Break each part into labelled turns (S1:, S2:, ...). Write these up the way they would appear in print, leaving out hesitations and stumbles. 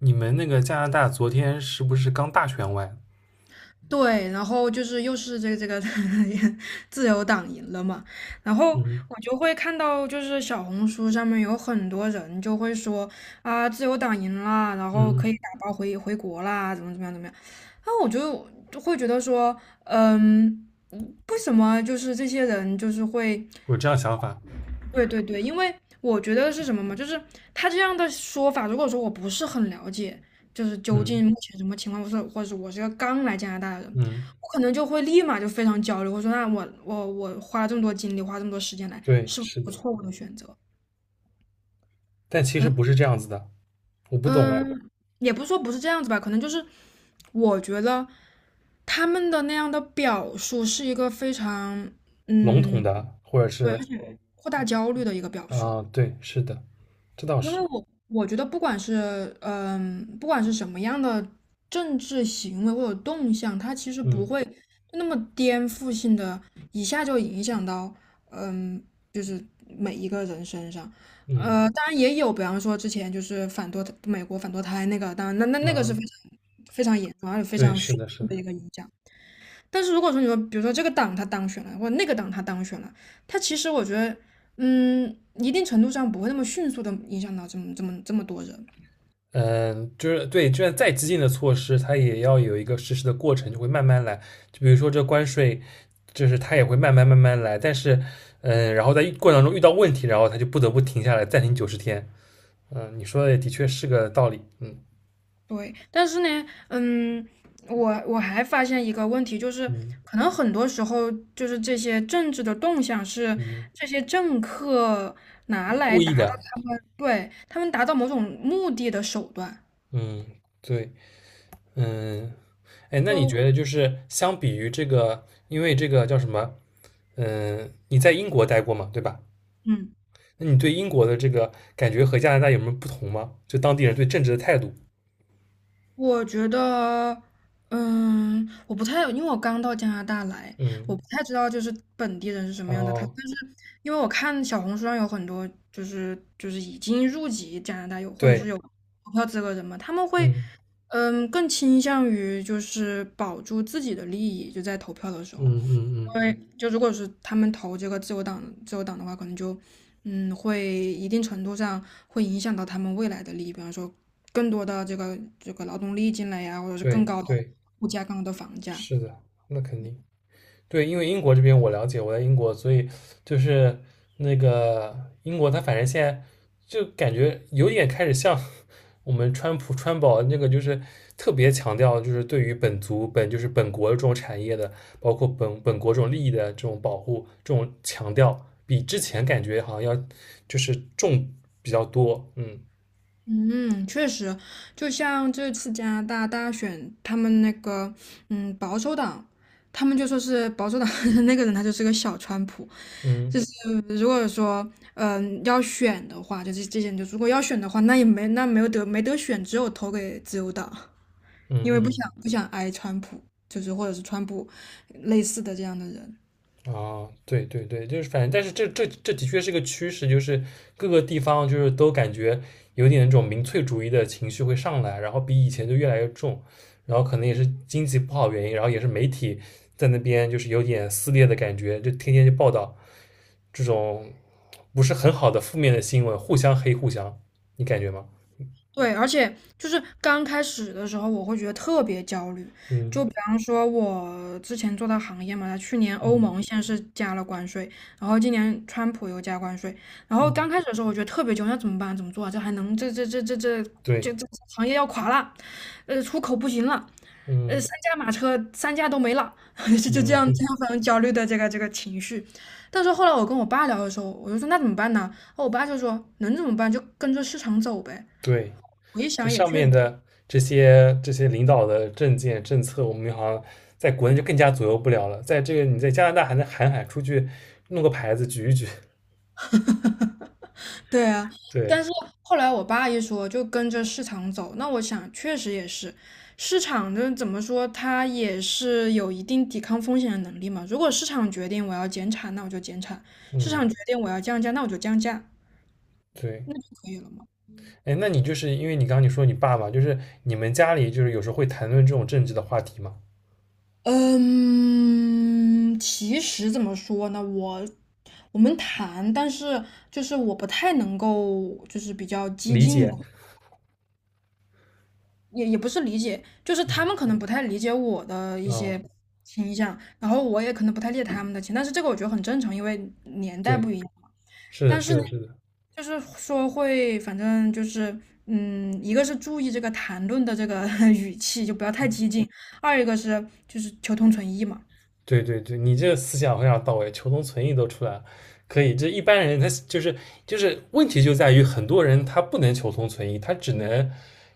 S1: 你们那个加拿大昨天是不是刚大选完？
S2: 对，然后就是又是这个 自由党赢了嘛，然后
S1: 嗯。
S2: 我就会看到就是小红书上面有很多人就会说啊，自由党赢啦，然后可以
S1: 嗯，
S2: 打包回国啦，怎么样，然后我就会觉得说，嗯，嗯为什么就是这些人就是会
S1: 我这样想法。
S2: 对对对，因为我觉得是什么嘛，就是他这样的说法，如果说我不是很了解，就是究
S1: 嗯。
S2: 竟目前什么情况，或者是我是个刚来加拿大的人，
S1: 嗯，
S2: 我可能就会立马就非常焦虑，我说那我花了这么多精力，花这么多时间来，
S1: 对，
S2: 是不是
S1: 是
S2: 一个
S1: 的，
S2: 错误的选择？
S1: 但其实
S2: 反正
S1: 不是这样子的，我不懂哎。
S2: 嗯，也不是说不是这样子吧，可能就是我觉得他们的那样的表述是一个非常
S1: 笼统
S2: 嗯，
S1: 的，或者
S2: 对，
S1: 是
S2: 扩大焦虑的一个表述。
S1: 啊，对，是的，这倒
S2: 因为
S1: 是。
S2: 我觉得不管是嗯，不管是什么样的政治行为或者动向，它其实不
S1: 嗯。
S2: 会那么颠覆性的，一下就影响到嗯，就是每一个人身上。
S1: 嗯。
S2: 当然也有，比方说之前就是反堕美国反堕胎那个，当然那个
S1: 啊，
S2: 是非常非常严重，而且非
S1: 对，
S2: 常
S1: 是
S2: 迅
S1: 的，是
S2: 速
S1: 的。
S2: 的一个影响。但是如果说你说，比如说这个党他当选了，或者那个党他当选了，他其实我觉得，嗯，一定程度上不会那么迅速的影响到这么多人。
S1: 嗯，就是对，就算再激进的措施，它也要有一个实施的过程，就会慢慢来。就比如说这关税，就是它也会慢慢来，但是，嗯，然后在过程中遇到问题，然后它就不得不停下来，暂停90天。嗯，你说的也的确是个道理。嗯。
S2: 对，但是呢，嗯，我还发现一个问题，就是
S1: 嗯。
S2: 可能很多时候就是这些政治的动向是
S1: 嗯。
S2: 这些政客拿来
S1: 故意
S2: 达到
S1: 的。
S2: 他们达到某种目的的手段。
S1: 嗯。对。嗯。哎，那你
S2: 都
S1: 觉得就是相比于这个，因为这个叫什么？嗯，你在英国待过嘛，对吧？
S2: 嗯。
S1: 那你对英国的这个感觉和加拿大有没有不同吗？就当地人对政治的态度？
S2: 我觉得，嗯，我不太，因为我刚到加拿大来，我
S1: 嗯。
S2: 不太知道就是本地人是什么样的他，
S1: 哦。
S2: 但是因为我看小红书上有很多就是已经入籍加拿大有或者
S1: 对。
S2: 是有投票资格人嘛，他们会
S1: 嗯。
S2: 嗯更倾向于就是保住自己的利益，就在投票的时
S1: 嗯。
S2: 候。
S1: 嗯。嗯，
S2: 因为就如果是他们投这个自由党的话，可能就嗯会一定程度上会影响到他们未来的利益，比方说更多的这个劳动力进来呀，或者是更
S1: 对
S2: 高的
S1: 对，
S2: 物价、更高的房价。
S1: 是的，那肯定。对，因为英国这边我了解，我在英国，所以就是那个英国，它反正现在就感觉有点开始像我们川普川宝那个，就是特别强调就是对于本族本就是本国这种产业的，包括本国这种利益的这种保护，这种强调比之前感觉好像要就是比较多。嗯。
S2: 嗯，确实，就像这次加拿大大选，他们那个嗯保守党，他们就说是保守党 那个人他就是个小川普，就
S1: 嗯。
S2: 是如果说，嗯，要选的话，就是这些，就如果要选的话，那没得选，只有投给自由党，
S1: 嗯。
S2: 因为不
S1: 嗯。
S2: 想不想挨川普，就是或者是川普类似的这样的人。
S1: 啊，对对对，就是反正，但是这的确是个趋势，就是各个地方就是都感觉有点那种民粹主义的情绪会上来，然后比以前就越来越重，然后可能也是经济不好原因，然后也是媒体在那边就是有点撕裂的感觉，就天天就报道这种不是很好的负面的新闻，互相黑互相，你感觉吗？
S2: 对，而且就是刚开始的时候，我会觉得特别焦虑。
S1: 嗯。
S2: 就比方说，我之前做的行业嘛，它去年欧
S1: 嗯。
S2: 盟先是加了关税，然后今年川普又加关税，然后
S1: 嗯。
S2: 刚开始的时候，我觉得特别焦虑，那怎么办？怎么做啊？这还能这这这这这
S1: 对。
S2: 这这行业要垮了，出口不行了，三
S1: 嗯。
S2: 驾马车三驾都没了，就这
S1: 嗯
S2: 样这
S1: 哼。
S2: 样非常焦虑的这个情绪。但是后来我跟我爸聊的时候，我就说那怎么办呢？然后我爸就说能怎么办就跟着市场走呗。
S1: 对。
S2: 我一
S1: 这
S2: 想也
S1: 上
S2: 确
S1: 面
S2: 实
S1: 的这些领导的政见政策，我们好像在国内就更加左右不了了。在这个你在加拿大还能喊喊出去，弄个牌子举一举。
S2: 对啊，
S1: 对。
S2: 但是后来我爸一说就跟着市场走，那我想确实也是，市场的怎么说，它也是有一定抵抗风险的能力嘛。如果市场决定我要减产，那我就减产；市
S1: 嗯。
S2: 场决定我要降价，那我就降价，
S1: 对。
S2: 就可以了吗？
S1: 哎，那你就是因为你刚刚你说你爸爸，就是你们家里就是有时候会谈论这种政治的话题嘛？
S2: 嗯，其实怎么说呢，我们谈，但是就是我不太能够，就是比较激
S1: 理
S2: 进
S1: 解。
S2: 的。也也不是理解，就是他们可能不太理解我的一
S1: 嗯。啊、
S2: 些倾向，然后我也可能不太理解他们的倾向但是这个我觉得很正常，因为年代
S1: 对，
S2: 不一样嘛。
S1: 是的，
S2: 但
S1: 是
S2: 是呢，
S1: 的，是的。
S2: 就是说会，反正就是，嗯，一个是注意这个谈论的这个 语气，就不要太激进；二一个是就是求同存异嘛。
S1: 对对对，你这个思想非常到位，求同存异都出来了，可以。这一般人他就是就是问题就在于很多人他不能求同存异，他只能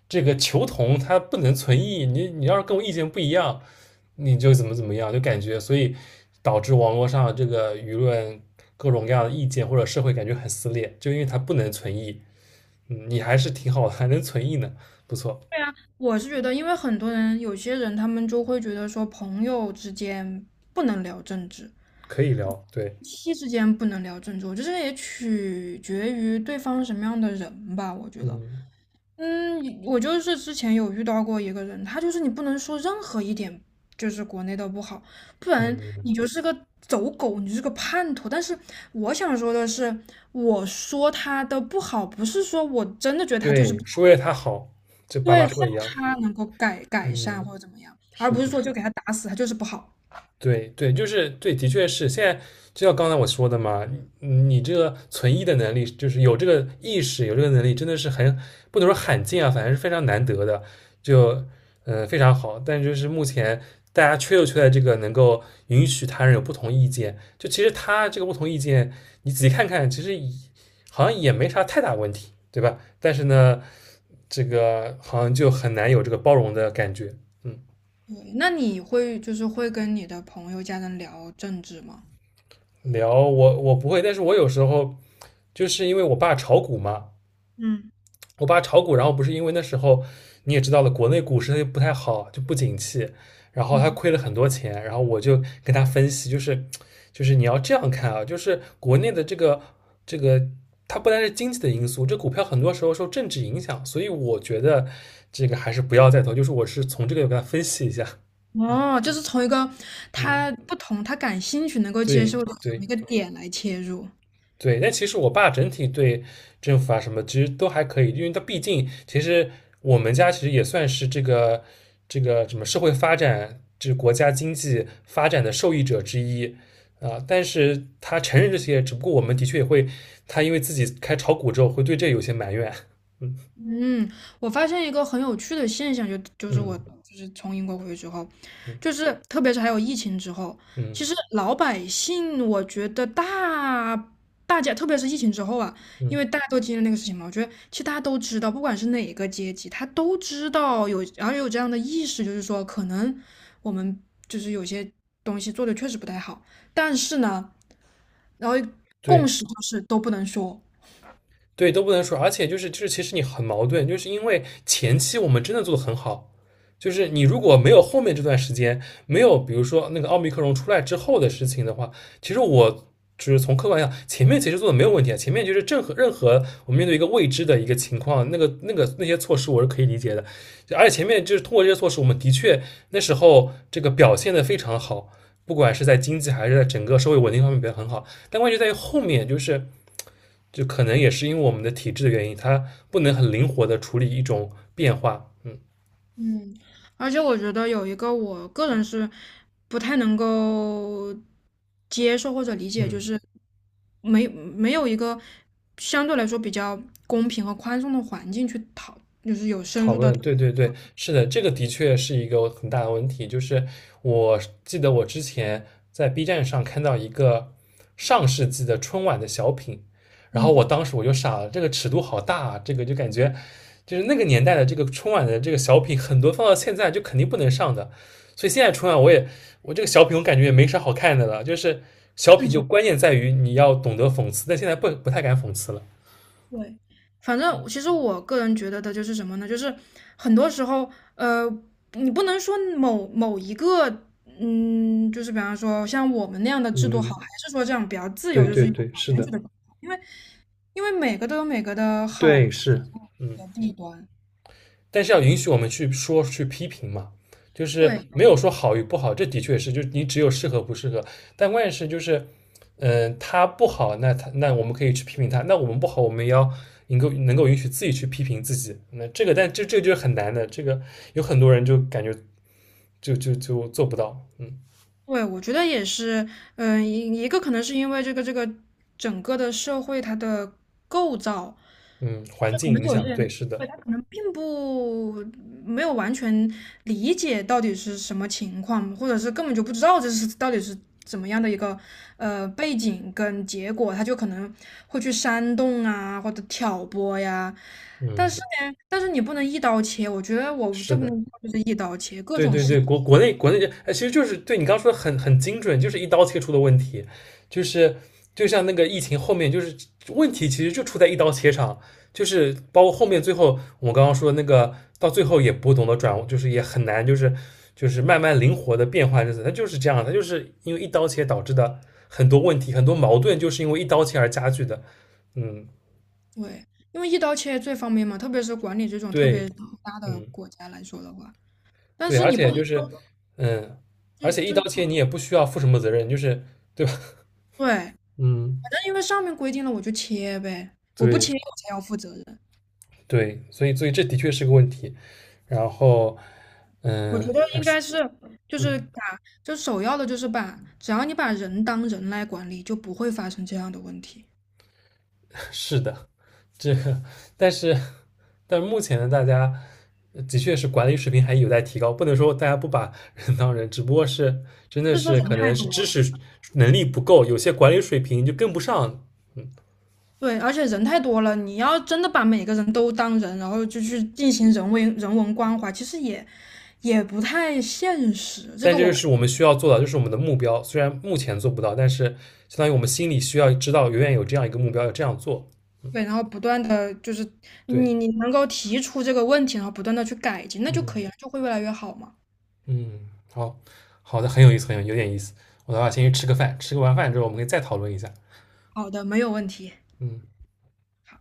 S1: 这个求同，他不能存异。你要是跟我意见不一样，你就怎么怎么样，就感觉所以导致网络上这个舆论各种各样的意见或者社会感觉很撕裂，就因为他不能存异。嗯，你还是挺好的，还能存异呢，不错。
S2: 对啊，我是觉得，因为很多人有些人他们就会觉得说朋友之间不能聊政治，
S1: 可以聊。对。
S2: 夫妻之间不能聊政治，我觉得也取决于对方什么样的人吧。我觉得，
S1: 嗯。
S2: 嗯，我就是之前有遇到过一个人，他就是你不能说任何一点就是国内的不好，不然
S1: 嗯。
S2: 你就是个走狗，你就是个叛徒。但是我想说的是，我说他的不好，不是说我真的觉得他就是
S1: 对，
S2: 不好，
S1: 说为他好，就爸
S2: 对，
S1: 妈
S2: 让
S1: 说的一样。
S2: 他能够改善
S1: 嗯。
S2: 或者怎么样，而
S1: 是
S2: 不是
S1: 的。
S2: 说就给他打死，他就是不好。
S1: 对对，就是对，的确是现在，就像刚才我说的嘛，你这个存疑的能力，就是有这个意识，有这个能力，真的是很不能说罕见啊，反正是非常难得的，就非常好。但就是目前大家就缺在这个能够允许他人有不同意见，就其实他这个不同意见，你仔细看看，其实也好像也没啥太大问题，对吧？但是呢，这个好像就很难有这个包容的感觉。嗯。
S2: 对，那你会就是会跟你的朋友、家人聊政治吗？
S1: 聊我不会，但是我有时候就是因为我爸炒股嘛，
S2: 嗯
S1: 我爸炒股，然后不是因为那时候你也知道了，国内股市它就不太好，就不景气，然后他
S2: 嗯，
S1: 亏了很多钱，然后我就跟他分析，就是你要这样看啊，就是国内的这个这个。它不单是经济的因素，这股票很多时候受政治影响，所以我觉得这个还是不要再投。就是我是从这个给他分析一下。嗯。
S2: 哦，就是从一个
S1: 嗯。
S2: 他不同、他感兴趣、能够接受
S1: 对
S2: 的这么
S1: 对。
S2: 一个点来切入。
S1: 对，但其实我爸整体对政府啊什么其实都还可以，因为他毕竟其实我们家其实也算是这个什么社会发展，这国家经济发展的受益者之一啊、但是他承认这些，只不过我们的确也会，他因为自己开炒股之后会对这有些埋怨。嗯。
S2: 嗯，我发现一个很有趣的现象，就是
S1: 嗯。
S2: 我就是从英国回去之后，就
S1: 嗯。
S2: 是特别是还有疫情之后，
S1: 嗯。
S2: 其实老百姓，我觉得大家，特别是疫情之后啊，因为
S1: 嗯。
S2: 大家都经历那个事情嘛，我觉得其实大家都知道，不管是哪个阶级，他都知道有，然后有这样的意识，就是说可能我们就是有些东西做的确实不太好，但是呢，然后
S1: 对。
S2: 共识就是都不能说。
S1: 对，都不能说，而且就是，其实你很矛盾，就是因为前期我们真的做的很好，就是你如果没有后面这段时间，没有比如说那个奥密克戎出来之后的事情的话，其实我就是从客观上，前面其实做的没有问题啊，前面就是任何我们面对一个未知的一个情况，那个那些措施我是可以理解的，而且前面就是通过这些措施，我们的确那时候这个表现的非常好，不管是在经济还是在整个社会稳定方面表现很好，但问题在于后面就是。就可能也是因为我们的体质的原因，它不能很灵活的处理一种变化。嗯。
S2: 嗯，而且我觉得有一个我个人是不太能够接受或者理解，就
S1: 嗯。
S2: 是没有一个相对来说比较公平和宽松的环境去讨，就是有深
S1: 讨
S2: 入的，
S1: 论，对对对，是的，这个的确是一个很大的问题。就是我记得我之前在 B 站上看到一个上世纪的春晚的小品，然后我
S2: 嗯，
S1: 当时我就傻了，这个尺度好大啊，这个就感觉就是那个年代的这个春晚的这个小品，很多放到现在就肯定不能上的。所以现在春晚我也我这个小品我感觉也没啥好看的了，就是小
S2: 政
S1: 品就
S2: 治
S1: 关键在于你要懂得讽刺，但现在不太敢讽刺了。
S2: 对。反正其实我个人觉得的就是什么呢？就是很多时候，呃，你不能说某某一个，嗯，就是比方说像我们那样的制度好，
S1: 嗯。
S2: 还是说这样比较自
S1: 对
S2: 由，就是
S1: 对
S2: 有选举的。因为。因为每个都有每个的好
S1: 对
S2: 处
S1: 是的，对是。嗯。
S2: 和弊端。
S1: 但是要允许我们去说去批评嘛，就是
S2: 对
S1: 没有说好与不好，这的确是，就你只有适合不适合。但关键是就是，嗯、他不好，那他那我们可以去批评他，那我们不好，我们也要能够允许自己去批评自己。那这个，但这个就是很难的，这个有很多人就感觉就做不到。嗯。
S2: 对，我觉得也是，嗯、一个可能是因为这个整个的社会它的构造，
S1: 嗯，环
S2: 可
S1: 境
S2: 能
S1: 影
S2: 有些
S1: 响，对，
S2: 人
S1: 是的。
S2: 可能并不没有完全理解到底是什么情况，或者是根本就不知道这是到底是怎么样的一个背景跟结果，他就可能会去煽动啊，或者挑拨呀。但
S1: 嗯。
S2: 是呢，但是你不能一刀切，我觉得我这
S1: 是
S2: 部
S1: 的。
S2: 就是一刀切，各
S1: 对
S2: 种
S1: 对
S2: 事
S1: 对，
S2: 情，
S1: 国内就，哎，其实就是对你刚刚说的很精准，就是一刀切出的问题，就是就像那个疫情后面，就是问题其实就出在一刀切上，就是包括后面最后我刚刚说的那个，到最后也不懂得转，就是也很难，就是就是慢慢灵活的变换日子，它就是这样，它就是因为一刀切导致的很多问题，很多矛盾就是因为一刀切而加剧的。嗯。
S2: 对，因为一刀切最方便嘛，特别是管理这种特
S1: 对。
S2: 别大的
S1: 嗯。
S2: 国家来说的话，但
S1: 对，
S2: 是
S1: 而
S2: 你不
S1: 且
S2: 能
S1: 就是，嗯，而
S2: 就
S1: 且一
S2: 就
S1: 刀切你也不需要负什么责任，就是对吧？
S2: 对。
S1: 嗯。
S2: 那因为上面规定了，我就切呗，我不切
S1: 对。
S2: 我才要负责任。
S1: 对，所以所以这的确是个问题。然后，
S2: 我
S1: 嗯，
S2: 觉得
S1: 啊
S2: 应
S1: 是，
S2: 该是，就是
S1: 嗯，
S2: 把，就首要的就是把，只要你把人当人来管理，就不会发生这样的问题。
S1: 是的，这个，但是但是目前呢，大家的确是管理水平还有待提高，不能说大家不把人当人，只不过是真的
S2: 不是说
S1: 是
S2: 人
S1: 可
S2: 太
S1: 能是
S2: 多
S1: 知识能力不够，有些管理水平就跟不上
S2: 对，而且人太多了，你要真的把每个人都当人，然后就去进行人为人文关怀，其实也也不太现实。这
S1: 但
S2: 个
S1: 这
S2: 我
S1: 就
S2: 看
S1: 是我们需要做的，就是我们的目标。虽然目前做不到，但是相当于我们心里需要知道，永远有这样一个目标，要这样做。
S2: 对，然后不断的就是
S1: 对。
S2: 你能够提出这个问题，然后不断的去改进，那就
S1: 嗯。
S2: 可以了，就会越来越好嘛。
S1: 嗯。好，好的，很有意思，很有有点意思。我的话，先去吃个饭，吃个完饭之后，我们可以再讨论一下。
S2: 好的，没有问题。
S1: 嗯，
S2: 好